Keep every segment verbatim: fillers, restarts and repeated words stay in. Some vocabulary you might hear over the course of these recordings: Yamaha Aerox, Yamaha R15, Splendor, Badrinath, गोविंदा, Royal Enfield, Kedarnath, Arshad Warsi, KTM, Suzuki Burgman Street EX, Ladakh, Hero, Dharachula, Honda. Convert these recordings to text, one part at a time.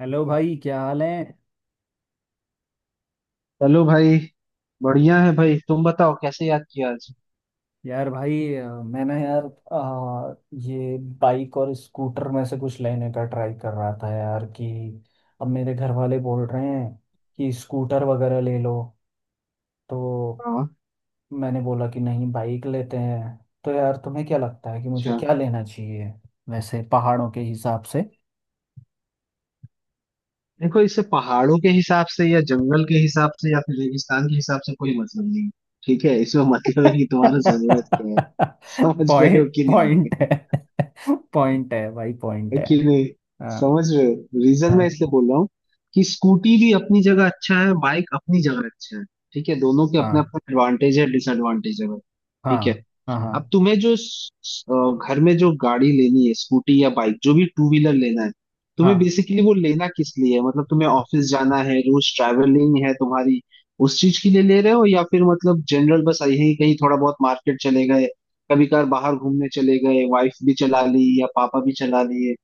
Hello भाई, क्या हाल है। चलो भाई। बढ़िया है भाई तुम बताओ कैसे याद किया आज। यार भाई, अ, मैं ना यार अ, ये बाइक और स्कूटर में से कुछ लेने का ट्राई कर रहा था यार कि अब मेरे घर वाले बोल रहे हैं कि स्कूटर वगैरह ले लो तो। हाँ। मैंने बोला कि नहीं, बाइक लेते हैं। तो यार तुम्हें क्या लगता है कि मुझे अच्छा। क्या लेना चाहिए, वैसे पहाड़ों के हिसाब से? देखो इससे पहाड़ों के हिसाब से या जंगल के हिसाब से या फिर रेगिस्तान के हिसाब से कोई मतलब नहीं है, ठीक है। इसमें मतलब है कि तुम्हारा जरूरत क्या है। समझ रहे हो पॉइंट कि नहीं। पॉइंट है। पॉइंट है भाई, है पॉइंट है। कि नहीं। हाँ, समझ रहे हो। रीजन मैं हाँ, इसलिए बोल रहा हूँ कि स्कूटी भी अपनी जगह अच्छा है बाइक अपनी जगह अच्छा है। ठीक है, दोनों के अपने हाँ, अपने एडवांटेज है डिसएडवांटेज है भाई। ठीक है। हाँ, हाँ, अब हाँ, तुम्हें जो स- स- अ, घर में जो गाड़ी लेनी है स्कूटी या बाइक जो भी टू व्हीलर लेना है, तुम्हें हाँ। बेसिकली वो लेना किस लिए है। मतलब तुम्हें ऑफिस जाना है, रोज ट्रैवलिंग है तुम्हारी, उस चीज के लिए ले रहे हो, या फिर मतलब जनरल बस आई है कहीं थोड़ा बहुत मार्केट चले गए, कभी कभार बाहर घूमने चले गए, वाइफ भी चला ली या पापा भी चला लिए।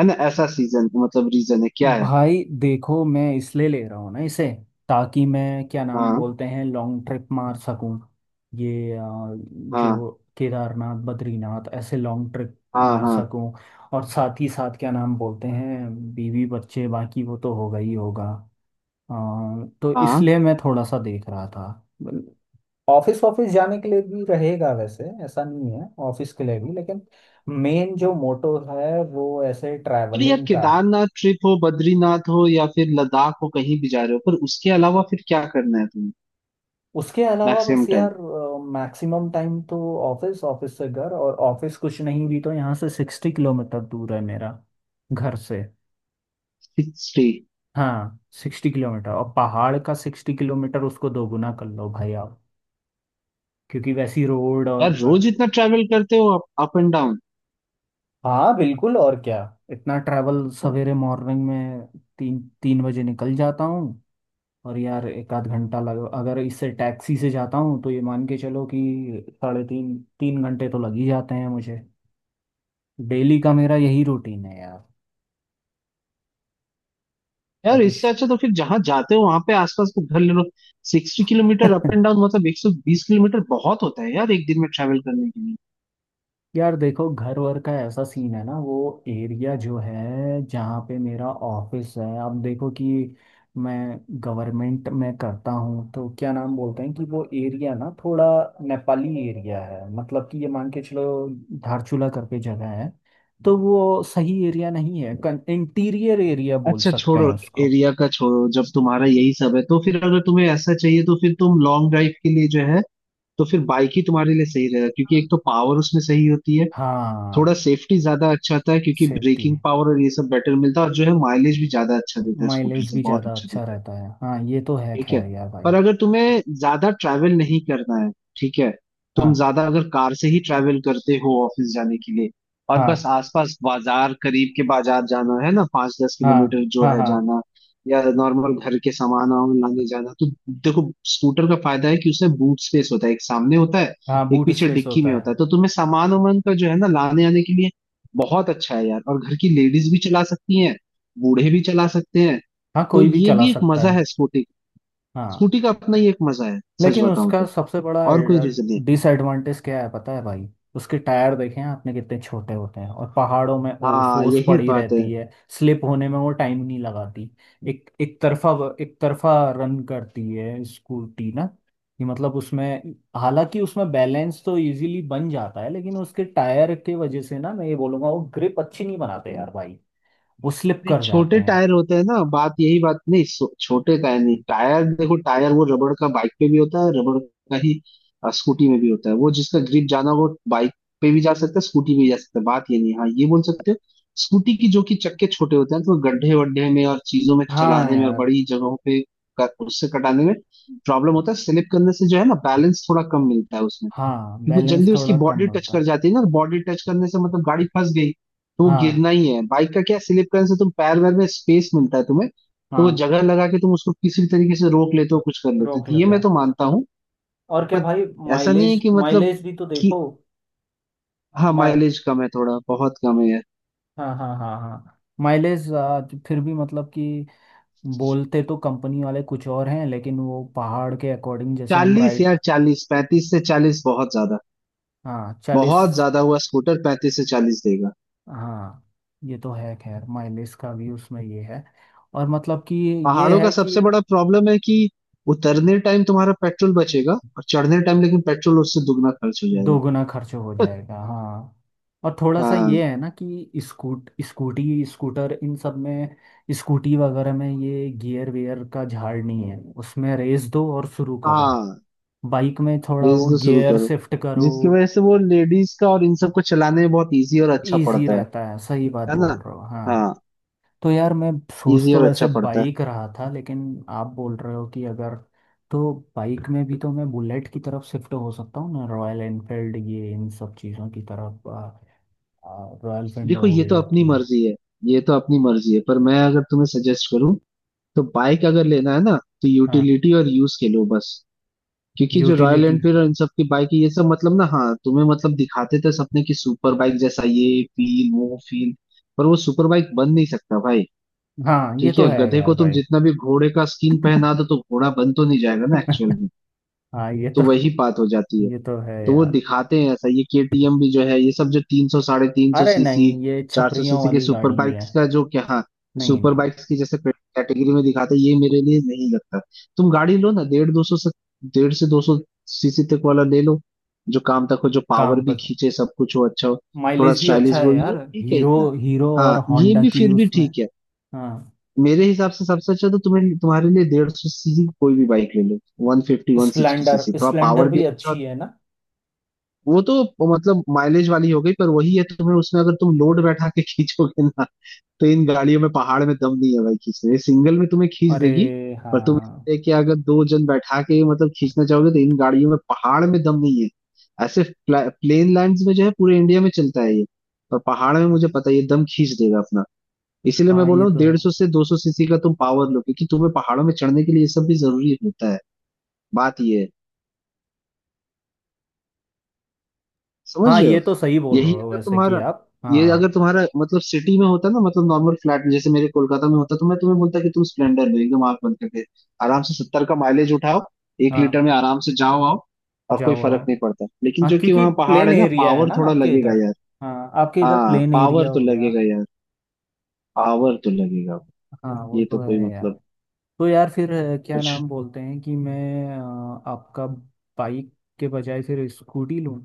है ना, ऐसा सीजन मतलब रीजन है क्या है। भाई देखो, मैं इसलिए ले रहा हूँ ना इसे, ताकि मैं, क्या नाम हाँ बोलते हैं, लॉन्ग ट्रिप मार सकूँ। ये अ, हाँ जो केदारनाथ, बद्रीनाथ ऐसे लॉन्ग ट्रिप हाँ मार हाँ सकूँ। और साथ ही साथ, क्या नाम बोलते हैं, बीवी बच्चे बाकी वो तो होगा ही होगा। अ, तो हाँ। इसलिए मैं थोड़ा सा देख रहा था। ऑफिस ऑफिस जाने के लिए भी रहेगा, वैसे ऐसा नहीं है, ऑफिस के लिए भी, लेकिन मेन जो मोटो है वो ऐसे अरे यार ट्रैवलिंग का। केदारनाथ ट्रिप हो बद्रीनाथ हो या फिर लद्दाख हो कहीं भी जा रहे हो पर उसके अलावा फिर क्या करना है तुम्हें। उसके अलावा मैक्सिमम बस टाइम। यार, मैक्सिमम टाइम तो ऑफिस ऑफिस से घर और ऑफिस, कुछ नहीं भी तो यहाँ से सिक्सटी किलोमीटर दूर है मेरा, घर से। स्टे। हाँ सिक्सटी किलोमीटर, और पहाड़ का सिक्सटी किलोमीटर उसको दोगुना कर लो भाई आप, क्योंकि वैसी रोड, यार और। रोज इतना ट्रैवल करते हो, अप, अप एंड डाउन। हाँ बिल्कुल, और क्या। इतना ट्रैवल सवेरे, मॉर्निंग में तीन तीन बजे निकल जाता हूँ। और यार एक आध घंटा लग, अगर इससे टैक्सी से जाता हूँ तो ये मान के चलो कि साढ़े तीन तीन घंटे तो लग ही जाते हैं मुझे। डेली का मेरा यही रूटीन है यार। यार ऑफिस। इससे अच्छा तो फिर जहां जाते हो वहां पे आसपास को घर ले लो। Sixty kilometre up and down मतलब एक सौ बीस किलोमीटर बहुत होता है यार एक दिन में ट्रैवल करने के लिए। यार देखो, घर वर का ऐसा सीन है ना, वो एरिया जो है जहाँ पे मेरा ऑफिस है। अब देखो कि मैं गवर्नमेंट में करता हूँ तो, क्या नाम बोलते हैं, कि वो एरिया ना थोड़ा नेपाली एरिया है। मतलब कि ये मान के चलो, धारचूला करके जगह है। तो वो सही एरिया नहीं है, इंटीरियर एरिया बोल अच्छा सकते हैं छोड़ो। उसको। एरिया का छोड़ो। जब तुम्हारा यही सब है तो फिर अगर तुम्हें ऐसा चाहिए तो फिर तुम लॉन्ग ड्राइव के लिए जो है तो फिर बाइक ही तुम्हारे लिए सही रहेगा, क्योंकि एक तो पावर उसमें सही होती है। थोड़ा हाँ। सेफ्टी ज्यादा अच्छा था, क्योंकि सेफ्टी, ब्रेकिंग पावर और ये सब बेटर मिलता है और जो है माइलेज भी ज्यादा अच्छा देता है, स्कूटर माइलेज से भी बहुत ज़्यादा अच्छा अच्छा देता है। रहता है हाँ, ये तो है ठीक है। खैर यार भाई। पर अगर तुम्हें ज्यादा ट्रैवल नहीं करना है, ठीक है, तुम हाँ, ज्यादा अगर कार से ही ट्रैवल करते हो ऑफिस जाने के लिए, और बस हाँ, आसपास बाजार, करीब के बाजार जाना है ना, पाँच दस हाँ, किलोमीटर जो हाँ, है हाँ, जाना, या नॉर्मल घर के सामान वामान लाने जाना, तो देखो स्कूटर का फायदा है कि उसमें बूट स्पेस होता है, एक सामने होता है हाँ एक बूट पीछे स्पेस डिक्की में होता होता है, है। तो तुम्हें सामान वामान का जो है ना लाने आने के लिए बहुत अच्छा है यार। और घर की लेडीज भी चला सकती हैं, बूढ़े भी चला सकते हैं। हाँ तो कोई भी ये चला भी एक सकता मजा है। है स्कूटी। हाँ। स्कूटी का अपना ही एक मजा है सच लेकिन बताऊं उसका तो। सबसे बड़ा और कोई रीजन नहीं। डिसएडवांटेज क्या है पता है भाई? उसके टायर देखे हैं आपने, कितने छोटे होते हैं, और पहाड़ों में ओस हाँ ओस यही पड़ी बात है। रहती है। स्लिप होने में वो टाइम नहीं लगाती। एक एक तरफा, एक तरफा रन करती है स्कूटी ना। कि मतलब उसमें, हालांकि उसमें बैलेंस तो इजीली बन जाता है, लेकिन उसके टायर के वजह से ना, मैं ये बोलूंगा वो ग्रिप अच्छी नहीं बनाते यार भाई। वो स्लिप नहीं, कर जाते छोटे हैं। टायर होते हैं ना, बात यही बात नहीं, सो- छोटे टायर नहीं। टायर देखो, टायर वो रबड़ का, बाइक पे भी होता है रबड़ का ही, अ, स्कूटी में भी होता है। वो जिसका ग्रिप जाना वो बाइक पे भी जा सकता है, स्कूटी पे भी जा सकता है। बात ये नहीं है। हाँ, ये बोल सकते हो, स्कूटी की जो कि चक्के छोटे होते हैं तो वो गड्ढे वड्ढे में और चीजों में हाँ चलाने में और यार। बड़ी जगहों पे क- उससे कटाने में प्रॉब्लम होता है, स्लिप करने से जो है ना, बैलेंस थोड़ा कम मिलता है उसमें, हाँ क्योंकि बैलेंस जल्दी उसकी थोड़ा कम बॉडी टच होता कर है। जाती है ना। बॉडी टच करने से मतलब गाड़ी फंस गई तो वो हाँ, गिरना ही है। बाइक का क्या, स्लिप करने से तुम पैर वैर में स्पेस मिलता है तुम्हें तो वो हाँ, जगह लगा के तुम उसको किसी भी तरीके से रोक लेते हो, कुछ कर लेते हो। रोक तो ये लेते मैं हैं। तो मानता हूँ। और क्या पर भाई। ऐसा नहीं है माइलेज, कि मतलब माइलेज भी तो कि, देखो। हाँ माइ माइलेज कम है थोड़ा, बहुत कम है यार। हाँ, हाँ, हाँ, हाँ माइलेज, फिर भी मतलब कि, बोलते तो कंपनी वाले कुछ और हैं, लेकिन वो पहाड़ के अकॉर्डिंग जैसे हम चालीस राइट। यार, चालीस, पैंतीस से चालीस बहुत ज्यादा, हाँ चालीस। बहुत ज्यादा हुआ। स्कूटर पैंतीस से चालीस देगा। हाँ ये तो है खैर, माइलेज का भी उसमें ये है, और मतलब कि, ये पहाड़ों का है कि सबसे बड़ा प्रॉब्लम है कि उतरने टाइम तुम्हारा पेट्रोल बचेगा और चढ़ने टाइम लेकिन पेट्रोल उससे दुगना खर्च हो जाएगा। दोगुना खर्च हो जाएगा। हाँ, और थोड़ा सा हाँ। ये है ना कि स्कूट स्कूटी स्कूटर इन सब में, स्कूटी वगैरह में ये गियर वेयर का झाड़ नहीं है, उसमें रेस दो और शुरू करो। हाँ। बाइक में थोड़ा रेस वो तो शुरू गियर करो, शिफ्ट करो। जिसकी वजह से वो लेडीज का और इन सबको चलाने में बहुत इजी और अच्छा इजी पड़ता है। रहता है, सही बात है बोल ना। रहे हो हाँ। हाँ। तो यार मैं सोच इजी तो और अच्छा वैसे पड़ता है। बाइक रहा था, लेकिन आप बोल रहे हो कि अगर, तो बाइक में भी तो मैं बुलेट की तरफ शिफ्ट हो सकता हूँ ना, रॉयल एनफील्ड ये इन सब चीज़ों की तरफ। रॉयल फेंडर देखो हो ये तो गई अपनी आपकी। मर्जी है, ये तो अपनी मर्जी है, पर मैं अगर तुम्हें सजेस्ट करूँ तो बाइक अगर लेना है ना तो हाँ। यूटिलिटी और यूज के लो बस। क्योंकि जो रॉयल यूटिलिटी। एनफील्ड और इन सब की बाइक है ये सब मतलब ना, हाँ, तुम्हें मतलब दिखाते थे सपने की, सुपर बाइक जैसा ये फील वो फील, पर वो सुपर बाइक बन नहीं सकता भाई। हाँ ये ठीक तो है, है गधे यार को तुम भाई। जितना भी घोड़े का स्किन पहना दो तो घोड़ा बन तो नहीं जाएगा ना एक्चुअल में। हाँ ये तो तो वही बात हो जाती है। ये तो है तो वो यार। दिखाते हैं ऐसा, ये केटीएम भी जो है, ये सब जो तीन सौ साढ़े तीन सौ अरे सीसी नहीं, ये चार सौ छपरियों सीसी के वाली सुपर गाड़ी है। बाइक्स का, जो क्या हाँ नहीं, सुपर नहीं। बाइक्स की जैसे कैटेगरी में दिखाते हैं, ये मेरे लिए नहीं लगता। तुम गाड़ी लो ना, डेढ़ दो सौ से डेढ़ से दो सौ सीसी तक वाला ले लो। जो काम तक हो, जो पावर काम भी पर खींचे, सब कुछ हो, अच्छा हो, थोड़ा माइलेज भी स्टाइलिश अच्छा भी हो, है ये यार, ठीक है हीरो, इतना। हीरो और हाँ ये होंडा भी की फिर भी उसमें। ठीक है। हाँ, मेरे हिसाब से सबसे अच्छा तो तुम्हें, तुम्हारे लिए डेढ़ सौ सीसी कोई भी बाइक ले लो। One fifty one sixty Splendor, CC थोड़ा स्प्लेंडर पावर भी भी अच्छा अच्छी होता- है ना। वो तो मतलब माइलेज वाली हो गई। पर वही है, तुम्हें उसमें अगर तुम लोड बैठा के खींचोगे ना, तो इन गाड़ियों में पहाड़ में दम नहीं है भाई। खींचने, सिंगल में तुम्हें खींच अरे देगी। पर तुम हाँ, इससे कि अगर दो जन बैठा के मतलब खींचना चाहोगे तो इन गाड़ियों में पहाड़ में दम नहीं है। ऐसे प्लेन लैंड्स में जो है पूरे इंडिया में चलता है ये। पर पहाड़ में मुझे पता है ये दम खींच देगा अपना। इसीलिए मैं हाँ बोल ये रहा हूँ तो डेढ़ है। सौ से दो सौ सीसी का तुम पावर लो, क्योंकि तुम्हें पहाड़ों में चढ़ने के लिए ये सब भी जरूरी होता है। बात ये है। समझ हाँ रहे ये हो। तो सही बोल यही रहे हो अगर वैसे कि तुम्हारा, आप। ये अगर हाँ, तुम्हारा मतलब सिटी में होता ना, मतलब नॉर्मल फ्लैट में जैसे मेरे कोलकाता में होता, तो मैं तुम्हें बोलता कि तुम स्प्लेंडर लो एकदम आंख बंद करके। आराम से सत्तर का माइलेज उठाओ एक लीटर हाँ में, आराम से जाओ आओ, और कोई जाओ। फर्क नहीं पड़ता। लेकिन हाँ जो कि क्योंकि वहाँ पहाड़ प्लेन है ना, एरिया है पावर ना थोड़ा आपके लगेगा इधर। यार। हाँ आपके इधर हाँ प्लेन एरिया पावर तो हो गया। लगेगा यार। पावर तो लगेगा। हाँ वो ये तो तो कोई है यार। मतलब तो यार फिर अ, क्या कुछ। नाम बोलते हैं कि मैं अ, आपका, बाइक के बजाय फिर स्कूटी लूँ?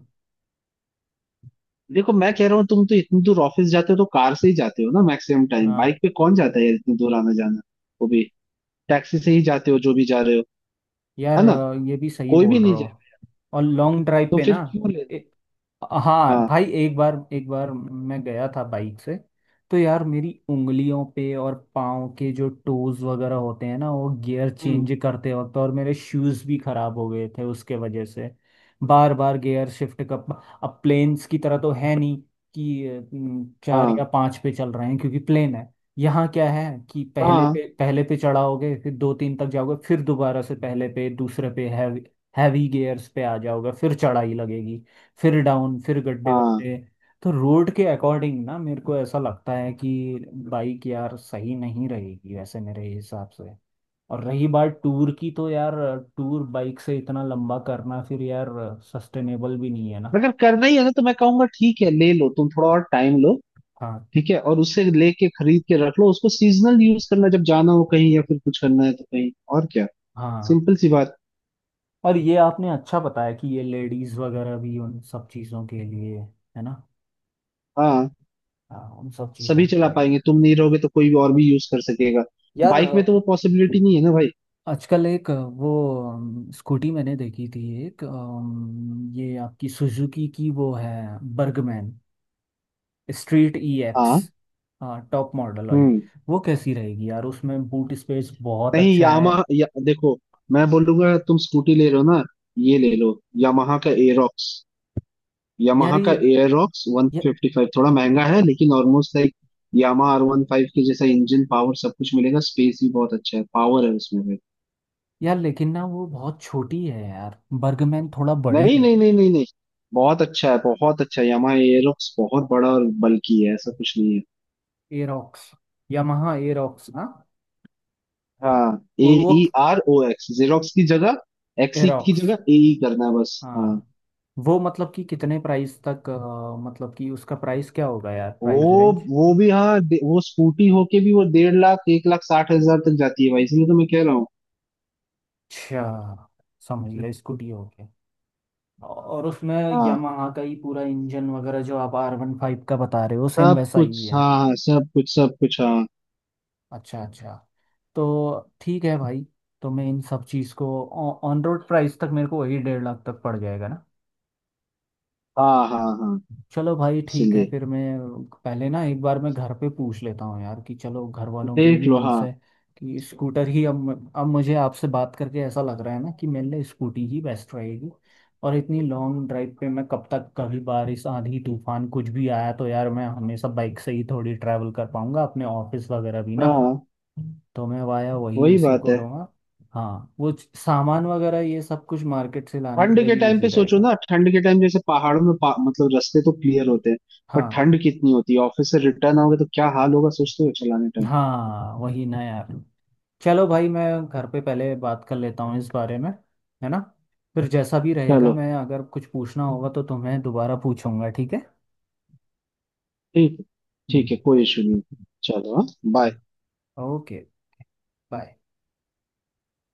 देखो मैं कह रहा हूँ, तुम तो इतनी दूर ऑफिस जाते हो तो कार से ही जाते हो ना मैक्सिमम टाइम। हाँ। बाइक पे कौन जाता है यार इतनी दूर आना जाना। वो भी टैक्सी से ही जाते हो, जो भी जा रहे हो। यार है ना। अ, ये भी सही कोई भी बोल नहीं रहे हो। जाएगा। और लॉन्ग ड्राइव तो पे फिर ना, क्यों ए, लेना। हाँ हाँ। भाई एक बार, एक बार मैं गया था बाइक से। तो यार मेरी उंगलियों पे और पाँव के जो टोज वगैरह होते हैं ना, वो गियर हम्म। चेंज करते वक्त, और मेरे शूज़ भी खराब हो गए थे उसके वजह से, बार बार गियर शिफ्ट कर। अब प्लेन्स की तरह तो है नहीं कि अ, चार हाँ या पाँच पे चल रहे हैं, क्योंकि प्लेन है। यहाँ क्या है कि पहले हाँ पे, पहले पे चढ़ाओगे, फिर दो तीन तक जाओगे, फिर दोबारा से पहले पे, दूसरे पे, हैवी, हैवी गियर्स पे आ जाओगे, फिर चढ़ाई लगेगी, फिर डाउन, फिर गड्ढे हाँ। वड्ढे। तो रोड के अकॉर्डिंग ना मेरे को ऐसा लगता है कि बाइक यार सही नहीं रहेगी वैसे मेरे हिसाब से। और रही बात टूर की, तो यार टूर बाइक से इतना लंबा करना फिर यार, सस्टेनेबल भी नहीं है ना। अगर करना ही है ना तो मैं कहूंगा ठीक है ले लो, तुम थोड़ा और टाइम लो। हाँ, ठीक है। और उससे लेके खरीद के रख लो उसको, सीजनल यूज करना, जब जाना हो कहीं या फिर कुछ करना है तो कहीं। और क्या। हाँ। सिंपल सी बात। और ये आपने अच्छा बताया कि ये लेडीज वगैरह भी उन सब चीज़ों के लिए। है ना। हाँ। हाँ उन सब सभी चीज़ों के चला लिए। पाएंगे, तुम नहीं रहोगे तो कोई और भी यूज कर सकेगा। यार बाइक में तो वो पॉसिबिलिटी नहीं है ना भाई। आजकल एक वो, अम, स्कूटी मैंने देखी थी एक, अम, ये आपकी सुजुकी की वो है, बर्गमैन स्ट्रीट ई एक्स। हाँ। हाँ टॉप मॉडल वाली। हम्म। वो कैसी रहेगी यार, उसमें बूट स्पेस बहुत नहीं अच्छा है। यामा या, देखो मैं बोलूंगा तुम स्कूटी ले लो ना। ये ले लो, यामाहा का एरोक्स। यार यामाहा ये का एरोक्स वन ये- फिफ्टी फाइव थोड़ा महंगा है, लेकिन almost like Yamaha R one five के जैसा इंजन, पावर सब कुछ मिलेगा, स्पेस भी बहुत अच्छा है, पावर है उसमें भी। यार लेकिन ना वो बहुत छोटी है यार, बर्गमैन थोड़ा बड़ी नहीं है। नहीं नहीं नहीं नहीं। बहुत अच्छा है, बहुत अच्छा है यामाहा एरोक्स, बहुत बड़ा और बल्की है ऐसा कुछ नहीं है। Aerox, Yamaha Aerox. हाँ। हाँ। ए वो वो E R O X xerox की जगह एक्सी की एरोक्स, जगह ए ई करना है बस, हाँ। हाँ। वो मतलब कि कितने प्राइस तक, अ, मतलब कि उसका प्राइस क्या होगा यार, प्राइस वो रेंज? वो भी हाँ दे- वो स्कूटी होके भी वो डेढ़ लाख, एक लाख साठ हजार तक जाती है भाई, इसलिए तो मैं कह रहा हूँ। अच्छा, समझ गया, स्कूटी हो गया। और उसमें हाँ यामाहा का ही पूरा इंजन वगैरह जो आप आर वन फाइव का बता रहे हो, सेम सब वैसा ही कुछ, हाँ है। हाँ सब कुछ, सब कुछ, हाँ। अच्छा, अच्छा। तो ठीक है भाई। तो मैं इन सब चीज़ को ऑन रोड प्राइस तक, मेरे को वही डेढ़ लाख तक पड़ जाएगा ना। हाँ हाँ हाँ। चलो भाई ठीक है, इसीलिए फिर मैं पहले ना एक बार मैं घर पे पूछ लेता हूँ यार कि, चलो घर वालों के ही देख लो। मन हाँ से कि स्कूटर ही। अब अब मुझे आपसे बात करके ऐसा लग रहा है ना कि मेरे लिए स्कूटी ही बेस्ट रहेगी। और इतनी लॉन्ग ड्राइव पे मैं कब तक, कभी बारिश, आंधी, तूफान, कुछ भी आया तो यार मैं हमेशा बाइक से ही थोड़ी ट्रैवल कर पाऊंगा अपने ऑफिस वगैरह भी ना। हाँ। तो मैं वाया वही, वही उसी बात को है। रहूँगा। हाँ वो सामान वगैरह, ये सब कुछ मार्केट से लाने के ठंड लिए के भी टाइम इजी पे सोचो ना, रहेगा। ठंड के टाइम जैसे पहाड़ों में पा, मतलब रास्ते तो क्लियर होते हैं पर हाँ, ठंड कितनी होती है। ऑफिस से रिटर्न आओगे तो क्या हाल होगा, सोचते हो चलाने टाइम। हाँ वही ना यार। चलो भाई, मैं घर पे पहले बात कर लेता हूँ इस बारे में, है ना। फिर जैसा भी रहेगा, चलो। मैं, अगर कुछ पूछना होगा तो तुम्हें दोबारा पूछूंगा, ठीक है। ठीक है। ठीक है, हम्म। कोई इशू नहीं। चलो हाँ। बाय। ओके। बाय।